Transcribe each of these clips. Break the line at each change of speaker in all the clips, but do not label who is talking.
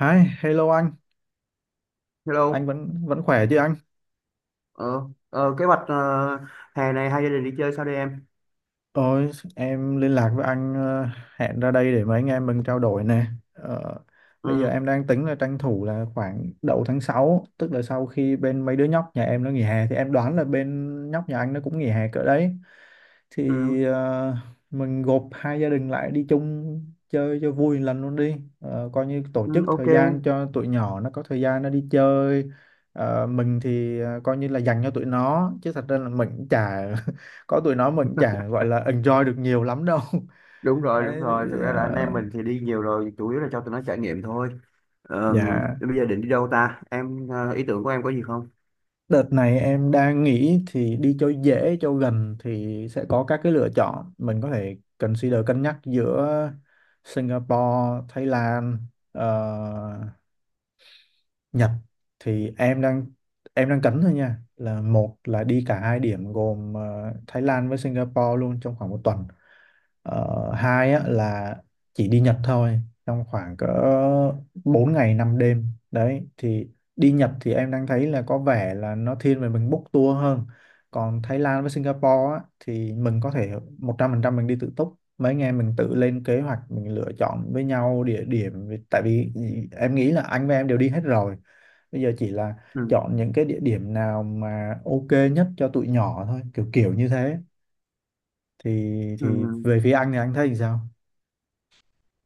Hi, hello anh
Hello,
vẫn vẫn khỏe chứ anh?
ờ, kế hoạch hè này hai gia đình đi chơi sao đây em?
Ôi, em liên lạc với anh, hẹn ra đây để mấy anh em mình trao đổi nè. Ờ, Bây giờ
Ừ,
em đang tính là tranh thủ là khoảng đầu tháng 6, tức là sau khi bên mấy đứa nhóc nhà em nó nghỉ hè thì em đoán là bên nhóc nhà anh nó cũng nghỉ hè cỡ đấy. Thì
ừ,
mình gộp hai gia đình lại đi chung chơi cho vui một lần luôn đi. Ờ, coi như tổ chức
ừ, ok,
thời gian cho tụi nhỏ nó có thời gian nó đi chơi. Ờ, mình thì coi như là dành cho tụi nó chứ thật ra là mình cũng chả có tụi nó mình chả gọi là enjoy được nhiều lắm đâu
đúng rồi, đúng
Đấy,
rồi. Thực ra là anh
ờ,
em mình thì đi nhiều rồi, chủ yếu là cho tụi nó trải nghiệm thôi. Ờ,
dạ,
Bây giờ định đi đâu ta? Em, ý tưởng của em có gì không?
đợt này em đang nghĩ thì đi cho dễ cho gần thì sẽ có các cái lựa chọn mình có thể consider cân nhắc giữa Singapore, Thái Lan, ờ, Nhật. Thì em đang, em đang cấn thôi nha, là một là đi cả hai điểm gồm Thái Lan với Singapore luôn trong khoảng một tuần. Ờ, hai á, là chỉ đi Nhật thôi trong khoảng cỡ 4 ngày 5 đêm đấy. Thì đi Nhật thì em đang thấy là có vẻ là nó thiên về mình book tour hơn, còn Thái Lan với Singapore á, thì mình có thể 100% mình đi tự túc, mấy anh em mình tự lên kế hoạch, mình lựa chọn với nhau địa điểm tại vì em nghĩ là anh với em đều đi hết rồi, bây giờ chỉ là
Ừ,
chọn những cái địa điểm nào mà ok nhất cho tụi nhỏ thôi, kiểu kiểu như thế. thì thì
ừ,
về phía anh thì anh thấy thì sao?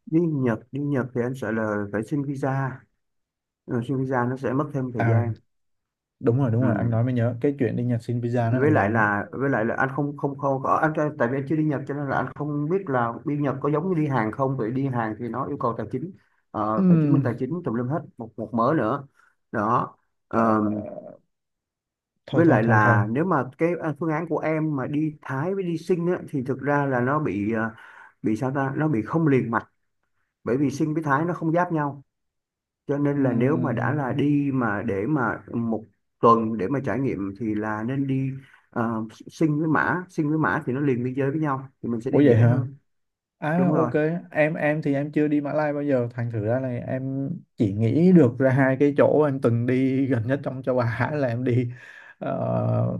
đi Nhật thì anh sợ là phải xin visa, ừ, xin visa nó sẽ mất thêm thời
À
gian.
đúng rồi, đúng rồi, anh
Ừ.
nói mới nhớ cái chuyện đi Nhật xin visa nó
với
lằng
lại
nhằng lắm.
là với lại là anh không không không có anh, tại vì anh chưa đi Nhật cho nên là anh không biết là đi Nhật có giống như đi Hàn không. Vậy đi Hàn thì nó yêu cầu tài chính, phải chứng minh
Ừm,
tài chính tùm lum hết, một một mớ nữa đó.
ờ,
Ờ,
thôi
với
thôi
lại
thôi thôi
là nếu mà cái phương án của em mà đi Thái với đi Sinh á, thì thực ra là nó bị bị sao ta, nó bị không liền mạch, bởi vì Sinh với Thái nó không giáp nhau, cho nên là nếu mà đã là
Ừm,
đi mà để mà một tuần để mà trải nghiệm thì là nên đi, Sing với Mã thì nó liền biên giới với nhau thì mình sẽ
ủa
đi
vậy
dễ
hả,
hơn.
à
Đúng
ok.
rồi,
Em thì em chưa đi Mã Lai bao giờ thành thử ra là em chỉ nghĩ được ra hai cái chỗ em từng đi gần nhất trong châu Á là em đi ờ,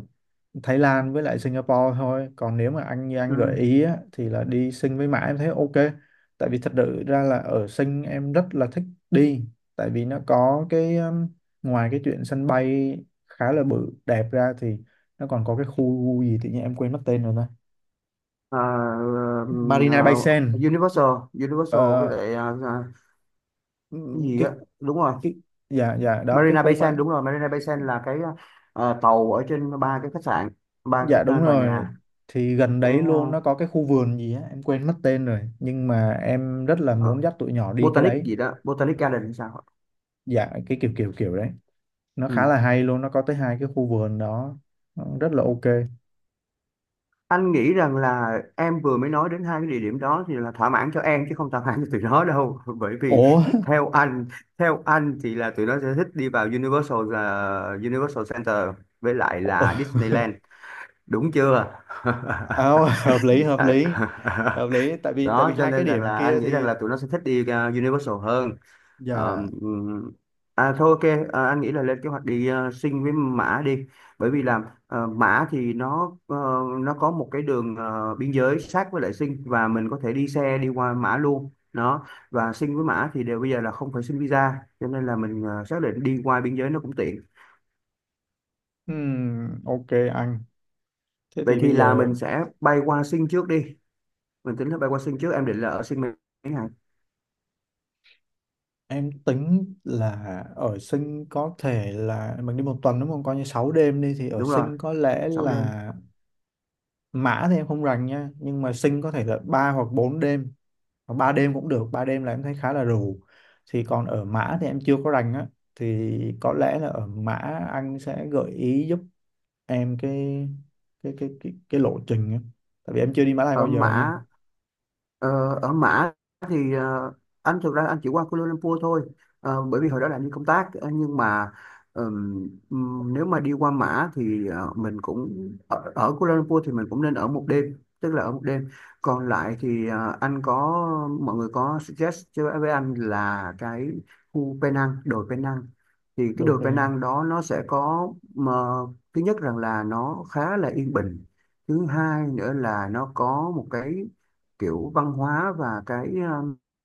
Thái Lan với lại Singapore thôi. Còn nếu mà anh như
ừ.
anh gợi ý á, thì là đi Sing với Mã em thấy ok. Tại vì thật sự ra là ở Sing em rất là thích đi, tại vì nó có cái, ngoài cái chuyện sân bay khá là bự đẹp ra thì nó còn có cái khu gì tự nhiên em quên mất tên rồi ta.
Ờ, ờ,
Marina Bay
ờ,
Sands.
Universal Universal với
Ờ,
lại cái gì
cái
á. Đúng rồi,
cái, dạ dạ đó cái
Marina
khu
Bay Sands.
mà,
Đúng rồi, Marina Bay Sands là cái tàu ở trên ba cái khách sạn, ba
dạ
cái
đúng
tòa
rồi,
nhà.
thì gần
Cái
đấy luôn nó có cái khu vườn gì á em quên mất tên rồi nhưng mà em rất là
ờ,
muốn dắt tụi nhỏ đi cái
Botanic
đấy.
gì đó, Botanic Garden hay sao ạ?
Dạ cái kiểu kiểu kiểu đấy, nó khá
Ừ.
là hay luôn, nó có tới hai cái khu vườn đó. Nó rất là ok.
Anh nghĩ rằng là em vừa mới nói đến hai cái địa điểm đó thì là thỏa mãn cho em chứ không thỏa mãn cho tụi nó đâu bởi vì
Ủa
theo anh theo anh thì là tụi nó sẽ thích đi vào Universal, là Universal Center với lại là Disneyland, đúng chưa?
à, hợp lý hợp
Đấy.
lý hợp lý tại vì
Đó, cho
hai cái
nên rằng
điểm
là
kia
anh nghĩ rằng
thì,
là tụi nó sẽ thích đi, Universal hơn. Ờ,
dạ
Thôi, ok. Anh nghĩ là lên kế hoạch đi, Sinh với Mã đi, bởi vì là, Mã thì nó, nó có một cái đường, biên giới sát với lại Sinh, và mình có thể đi xe đi qua Mã luôn đó, và Sinh với Mã thì đều bây giờ là không phải xin visa, cho nên là mình xác định đi qua biên giới nó cũng tiện.
ok anh. Thế
Vậy
thì
thì
bây
là
giờ
mình sẽ bay qua Sinh trước đi, mình tính là bay qua Sinh trước. Em định là ở Sinh mấy ngày?
em tính là ở Sinh có thể là mình đi một tuần, đúng không, coi như 6 đêm đi, thì ở
Đúng rồi,
Sinh có lẽ
6 đêm.
là, Mã thì em không rành nha, nhưng mà Sinh có thể là 3 hoặc 4 đêm. Hoặc ba đêm cũng được, ba đêm là em thấy khá là rù. Thì còn ở Mã thì em chưa có rành á, thì có lẽ là ở Mã anh sẽ gợi ý giúp em cái, cái lộ trình á, tại vì em chưa đi Mã Lai bao
Ở
giờ nha.
Mã. Ờ, Ở Mã thì anh, thực ra anh chỉ qua Kuala Lumpur thôi. Bởi vì hồi đó là anh đi công tác. Ờ, nhưng mà nếu mà đi qua Mã thì mình cũng ở, ở Kuala Lumpur thì mình cũng nên ở một đêm, tức là ở một đêm còn lại thì, anh có mọi người có suggest cho với anh là cái khu Penang, đồi Penang. Thì cái
Được
đồi
rồi nè.
Penang đó nó sẽ có mà, thứ nhất rằng là nó khá là yên bình, thứ hai nữa là nó có một cái kiểu văn hóa và cái,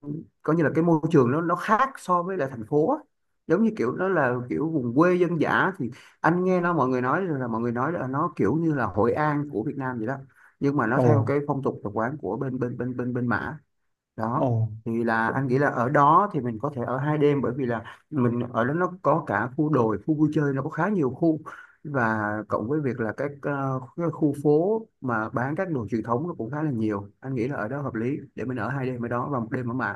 um, coi như là cái môi trường nó khác so với lại thành phố á. Giống như kiểu nó là kiểu vùng quê dân dã thì anh nghe nó, mọi người nói là nó kiểu như là Hội An của Việt Nam vậy đó, nhưng mà nó
Ồ,
theo cái phong tục tập quán của bên bên bên bên bên Mã, đó.
ồ,
Thì là anh nghĩ
cũng,
là ở đó thì mình có thể ở 2 đêm, bởi vì là mình ở đó nó có cả khu đồi, khu vui chơi, nó có khá nhiều khu, và cộng với việc là các cái khu phố mà bán các đồ truyền thống nó cũng khá là nhiều. Anh nghĩ là ở đó hợp lý để mình ở 2 đêm ở đó, và 1 đêm ở Mạc.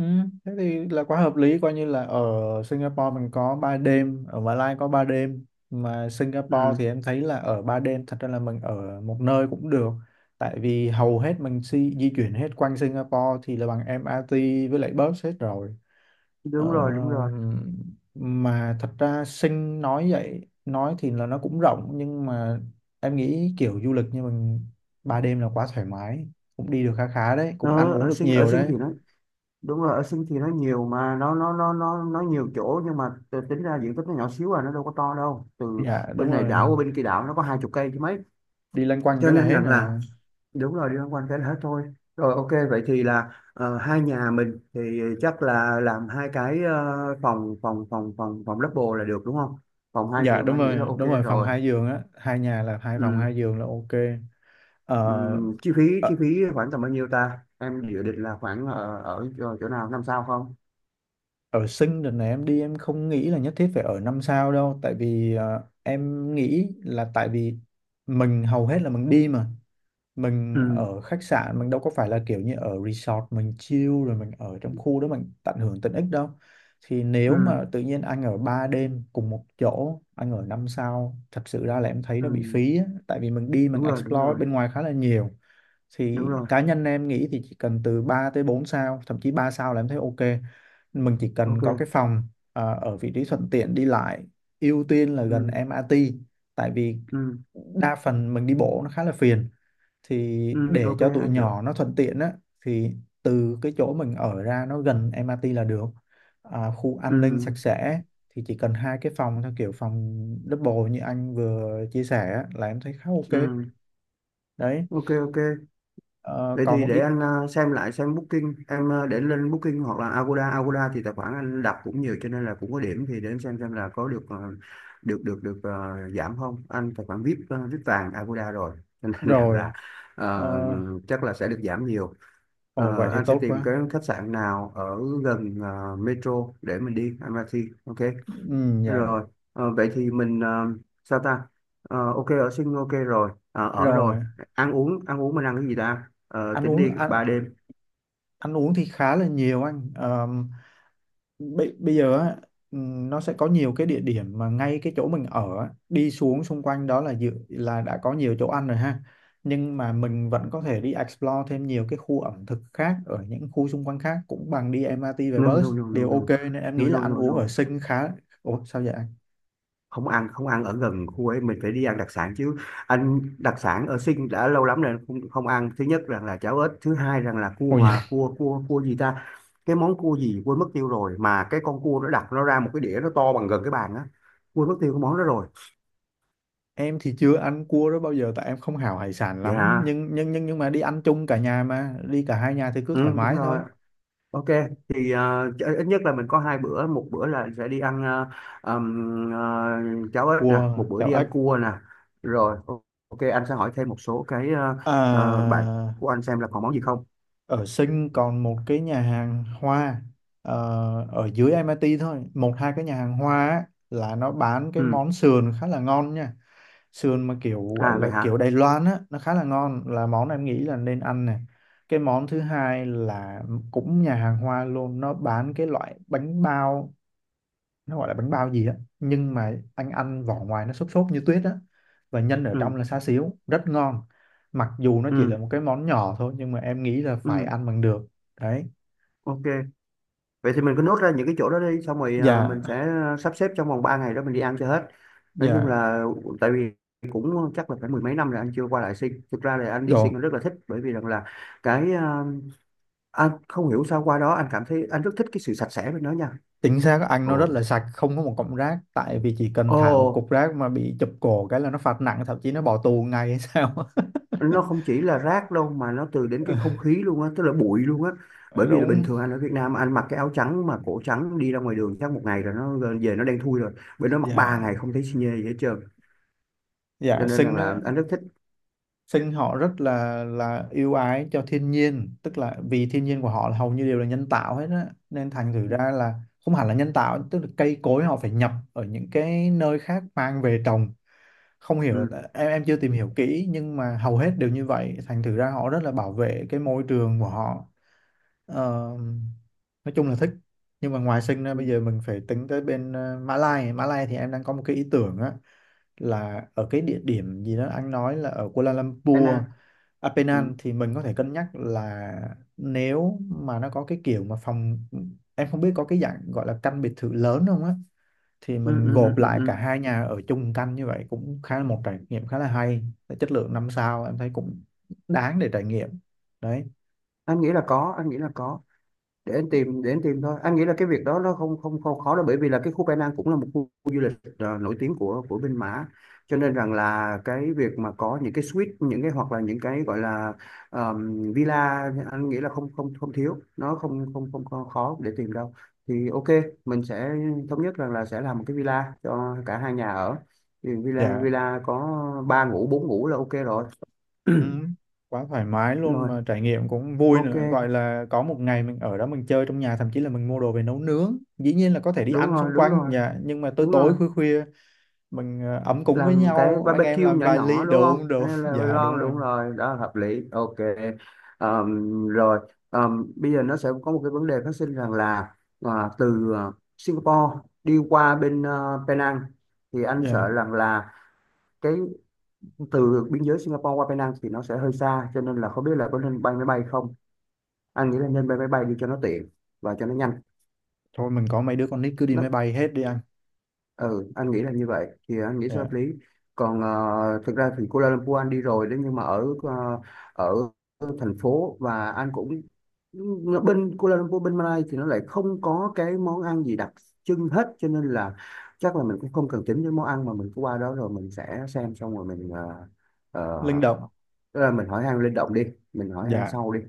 Ừ, thế thì là quá hợp lý, coi như là ở Singapore mình có 3 đêm, ở Mã Lai có 3 đêm, mà Singapore
Ừ,
thì em thấy là ở 3 đêm thật ra là mình ở một nơi cũng được. Tại vì hầu hết mình di chuyển hết quanh Singapore thì là bằng MRT với lại bus hết rồi. ờ,
đúng rồi, đúng rồi.
mà thật ra Sing nói vậy, nói thì là nó cũng rộng nhưng mà em nghĩ kiểu du lịch như mình, 3 đêm là quá thoải mái, cũng đi được khá khá đấy, cũng ăn
Nó
uống
ở
được
Sing, ở
nhiều
Sing
đấy.
thì nó đúng rồi, ở Sing thì nó nhiều mà, nó nó nhiều chỗ, nhưng mà tính ra diện tích nó nhỏ xíu à, nó đâu có to đâu, từ
Dạ đúng
bên này
rồi,
đảo qua bên kia đảo nó có 20 cây chứ mấy.
đi loanh quanh
Cho
cái là
nên
hết
rằng là,
à.
đúng rồi, đi loanh quanh cái đó thôi. Rồi, ok, vậy thì là hai nhà mình thì chắc là làm hai cái, phòng phòng phòng phòng phòng double là được đúng không? Phòng hai
Dạ
giường
đúng
anh nghĩ là
rồi,
ok
đúng rồi, phòng
rồi.
hai giường á, hai nhà là hai phòng
Ừ,
hai giường là ok. ờ,
ừ, chi phí, chi
ở,
phí khoảng tầm bao nhiêu ta? Em dự định là khoảng ở ở chỗ, chỗ nào 5 sao không?
Ở Sinh đợt này em đi em không nghĩ là nhất thiết phải ở năm sao đâu, tại vì em nghĩ là, tại vì mình hầu hết là mình đi mà, mình
Ừ,
ở khách sạn mình đâu có phải là kiểu như ở resort mình chill rồi mình ở trong khu đó mình tận hưởng tiện ích đâu. Thì nếu
ừ,
mà tự nhiên anh ở 3 đêm cùng một chỗ, anh ở 5 sao, thật sự ra là em thấy nó
ừ,
bị phí á. Tại vì mình đi mình
đúng rồi, đúng
explore
rồi,
bên ngoài khá là nhiều. Thì
đúng rồi,
cá nhân em nghĩ thì chỉ cần từ 3 tới 4 sao, thậm chí 3 sao là em thấy ok. Mình chỉ cần có cái
ok.
phòng à, ở vị trí thuận tiện đi lại, ưu tiên là gần
Ừ,
MRT. Tại vì
ừ,
đa phần mình đi bộ nó khá là phiền, thì
ừ,
để
ok,
cho tụi
anh hiểu.
nhỏ nó thuận tiện á, thì từ cái chỗ mình ở ra nó gần MRT là được. À, khu
Ừ,
an ninh sạch sẽ, thì chỉ cần hai cái phòng theo kiểu phòng double như anh vừa chia sẻ á, là em thấy khá ok.
ừ,
Đấy,
ok, ok.
ờ,
Vậy
còn
thì
một
để
ít.
anh xem lại, xem Booking em, để lên Booking hoặc là Agoda. Agoda thì tài khoản anh đặt cũng nhiều cho nên là cũng có điểm, thì để anh xem là có được, được giảm không. Anh tài khoản VIP, VIP vàng Agoda rồi cho nên rằng
Rồi,
là
ờ,
ờ, chắc là sẽ được giảm nhiều.
ồ vậy thì
Anh sẽ
tốt
tìm
quá.
cái khách sạn nào ở gần metro để mình đi anh Matthew, ok?
Ừ, dạ,
Rồi, vậy thì mình, sao ta. Ok, ở Sinh ok rồi. Ờ, Ở rồi,
rồi.
ăn uống. Ăn uống mình ăn cái gì ta? Ờ,
ăn
Tính đi
uống ăn,
3 đêm.
ăn uống thì khá là nhiều anh. Ờ, bây bây giờ á, nó sẽ có nhiều cái địa điểm mà ngay cái chỗ mình ở á, đi xuống xung quanh đó là dự là đã có nhiều chỗ ăn rồi ha. Nhưng mà mình vẫn có thể đi explore thêm nhiều cái khu ẩm thực khác ở những khu xung quanh khác cũng bằng đi MRT về
No,
bus
no, no, no,
đều ok,
no,
nên em
no,
nghĩ là
no,
ăn
no,
uống ở
no,
Sing khá. Ủa sao vậy anh?
không ăn, không ăn ở gần khu ấy, mình phải đi ăn đặc sản chứ. Anh đặc sản ở Sinh đã lâu lắm rồi không, không ăn. Thứ nhất rằng là cháo ếch, thứ hai rằng là cua
Ôi
hòa,
dạ.
cua cua cua gì ta, cái món cua gì quên mất tiêu rồi. Mà cái con cua nó đặt nó ra một cái đĩa, nó to bằng gần cái bàn á. Quên mất tiêu cái món đó rồi.
Em thì chưa ăn cua đó bao giờ tại em không hảo hải sản lắm,
Dạ,
nhưng mà đi ăn chung cả nhà mà đi cả hai nhà thì cứ
ừ,
thoải
đúng
mái thôi.
rồi. Ok, thì ít nhất là mình có hai bữa, một bữa là sẽ đi ăn ừm, ờ, cháo ếch nè, một
Cua
bữa
chảo
đi
ếch.
ăn cua nè. Rồi, ok, anh sẽ hỏi thêm một số cái bạn
À,
của anh xem là còn món gì không.
ở Sinh còn một cái nhà hàng hoa ờ, ở dưới MIT thôi, một hai cái nhà hàng hoa á, là nó bán cái
Ừ,
món sườn khá là ngon nha. Sườn mà kiểu gọi
à
là
vậy
kiểu
hả?
Đài Loan á, nó khá là ngon, là món em nghĩ là nên ăn này. Cái món thứ hai là cũng nhà hàng hoa luôn, nó bán cái loại bánh bao, nó gọi là bánh bao gì á, nhưng mà anh ăn vỏ ngoài nó xốp xốp như tuyết á, và nhân ở trong
Ừ,
là xá xíu rất ngon. Mặc dù nó chỉ là
ừ,
một cái món nhỏ thôi nhưng mà em nghĩ là phải
ừ,
ăn bằng được. Đấy.
ok. Vậy thì mình cứ nốt ra những cái chỗ đó đi, xong rồi à,
dạ
mình sẽ sắp xếp trong vòng 3 ngày đó mình đi ăn cho hết. Nói chung
dạ
là, tại vì cũng chắc là phải mười mấy năm rồi anh chưa qua lại Sing. Thực ra là anh đi Sing
Rồi,
anh rất là thích, bởi vì rằng là cái anh không hiểu sao qua đó anh cảm thấy anh rất thích cái sự sạch sẽ bên đó nha.
chính xác anh, nó rất
Ồ.
là sạch, không có một cọng rác, tại vì chỉ cần thả một
Ồ,
cục rác mà bị chụp cổ cái là nó phạt nặng, thậm chí nó bỏ tù ngay hay sao.
nó không chỉ là rác đâu, mà nó từ đến cái không khí luôn á, tức là bụi luôn á.
Ờ,
Bởi vì là bình
đúng.
thường anh ở Việt Nam anh mặc cái áo trắng mà cổ trắng đi ra ngoài đường chắc một ngày rồi nó về nó đen thui rồi. Bên đó mặc
dạ
3 ngày không thấy xi nhê gì hết trơn. Cho
dạ
nên rằng
xinh
là
nữa.
anh rất thích.
Sinh họ rất là yêu ái cho thiên nhiên, tức là vì thiên nhiên của họ là hầu như đều là nhân tạo hết á, nên thành thử ra là không hẳn là nhân tạo, tức là cây cối họ phải nhập ở những cái nơi khác mang về trồng. Không hiểu,
Ừ.
em chưa tìm hiểu kỹ nhưng mà hầu hết đều như vậy, thành thử ra họ rất là bảo vệ cái môi trường của họ. Ờ, nói chung là thích. Nhưng mà ngoài Sinh ra,
Ừ,
bây giờ mình phải tính tới bên Mã Lai. Mã Lai thì em đang có một cái ý tưởng á, là ở cái địa điểm gì đó anh nói là ở Kuala
Thái
Lumpur,
Lan.
à,
Ừ.
Penang, thì mình có thể cân nhắc là nếu mà nó có cái kiểu mà phòng, em không biết có cái dạng gọi là căn biệt thự lớn không á, thì
Ừ,
mình
ừ, ừ,
gộp
ừ,
lại cả
ừ.
hai nhà ở chung căn như vậy cũng khá là một trải nghiệm khá là hay. Chất lượng năm sao em thấy cũng đáng để trải nghiệm. Đấy.
Anh nghĩ là có, để anh tìm, thôi anh nghĩ là cái việc đó nó không không không khó đâu, bởi vì là cái khu Penang, cũng là một khu du lịch nổi tiếng của bên Mã, cho nên rằng là cái việc mà có những cái suite, những cái, hoặc là những cái gọi là villa, anh nghĩ là không không không thiếu, nó không không không có khó để tìm đâu. Thì ok, mình sẽ thống nhất rằng là sẽ làm một cái villa cho cả hai nhà ở, thì villa,
Dạ.
villa có ba ngủ bốn ngủ là ok rồi.
Ừ, quá thoải mái luôn,
Rồi,
mà trải nghiệm cũng vui
ok,
nữa, gọi là có một ngày mình ở đó mình chơi trong nhà, thậm chí là mình mua đồ về nấu nướng, dĩ nhiên là có thể đi
đúng
ăn
rồi,
xung
đúng
quanh
rồi,
nhà nhưng mà tối
đúng
tối
rồi.
khuya khuya mình ấm cúng với
Làm cái
nhau, anh em
barbecue
làm
nhỏ
vài
nhỏ
ly
đúng
đồ,
không,
đúng
anh
đúng
em là
dạ đúng
lon,
rồi.
đúng rồi, đó là hợp lý, ok. Rồi, bây giờ nó sẽ có một cái vấn đề phát sinh rằng là từ Singapore đi qua bên Penang thì anh sợ
Dạ,
rằng là cái từ biên giới Singapore qua Penang thì nó sẽ hơi xa, cho nên là không biết là có nên bay máy bay không. Anh nghĩ là nên bay máy bay đi cho nó tiện và cho nó nhanh.
thôi mình có mấy đứa con nít cứ đi máy
Nó,
bay hết đi anh.
ừ, anh nghĩ là như vậy thì anh nghĩ sẽ
Dạ
hợp lý. Còn thực ra thì Kuala Lumpur anh đi rồi đấy, nhưng mà ở ở thành phố, và anh cũng, ừ, bên Kuala Lumpur, bên Malaysia thì nó lại không có cái món ăn gì đặc trưng hết, cho nên là chắc là mình cũng không cần tính đến món ăn, mà mình cứ qua đó rồi mình sẽ xem, xong rồi mình
linh
ờ,
động.
tức là mình hỏi han linh động đi, mình hỏi han
Dạ
sau đi.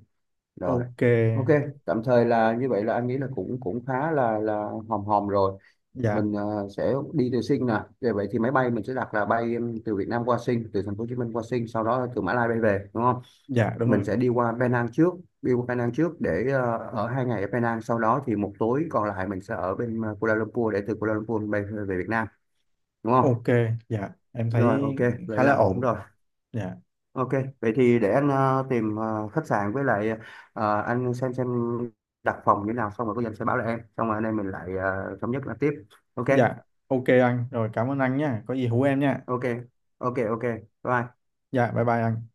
Rồi
ok.
ok, tạm thời là như vậy là anh nghĩ là cũng cũng khá là hòm hòm rồi.
Dạ
Mình sẽ đi từ Sing nè. Vậy, thì máy bay mình sẽ đặt là bay em, từ Việt Nam qua Sing, từ thành phố Hồ Chí Minh qua Sing, sau đó từ Mã Lai bay về, đúng không?
dạ đúng rồi.
Mình sẽ đi qua Penang trước, để ở 2 ngày ở Penang, sau đó thì một tối còn lại mình sẽ ở bên Kuala Lumpur, để từ Kuala Lumpur bay về, Việt Nam, đúng không?
Ok. Dạ em
Rồi ok,
thấy
vậy
khá là
là ổn
ổn.
rồi,
Dạ.
ok. Vậy thì để anh tìm khách sạn, với lại anh xem đặt phòng như thế nào, xong rồi có gì anh sẽ báo lại em, xong rồi anh em mình lại thống nhất là tiếp. Ok,
Dạ ok anh, rồi cảm ơn anh nha, có gì hú em nha.
ok, ok, ok, bye.
Dạ bye bye anh.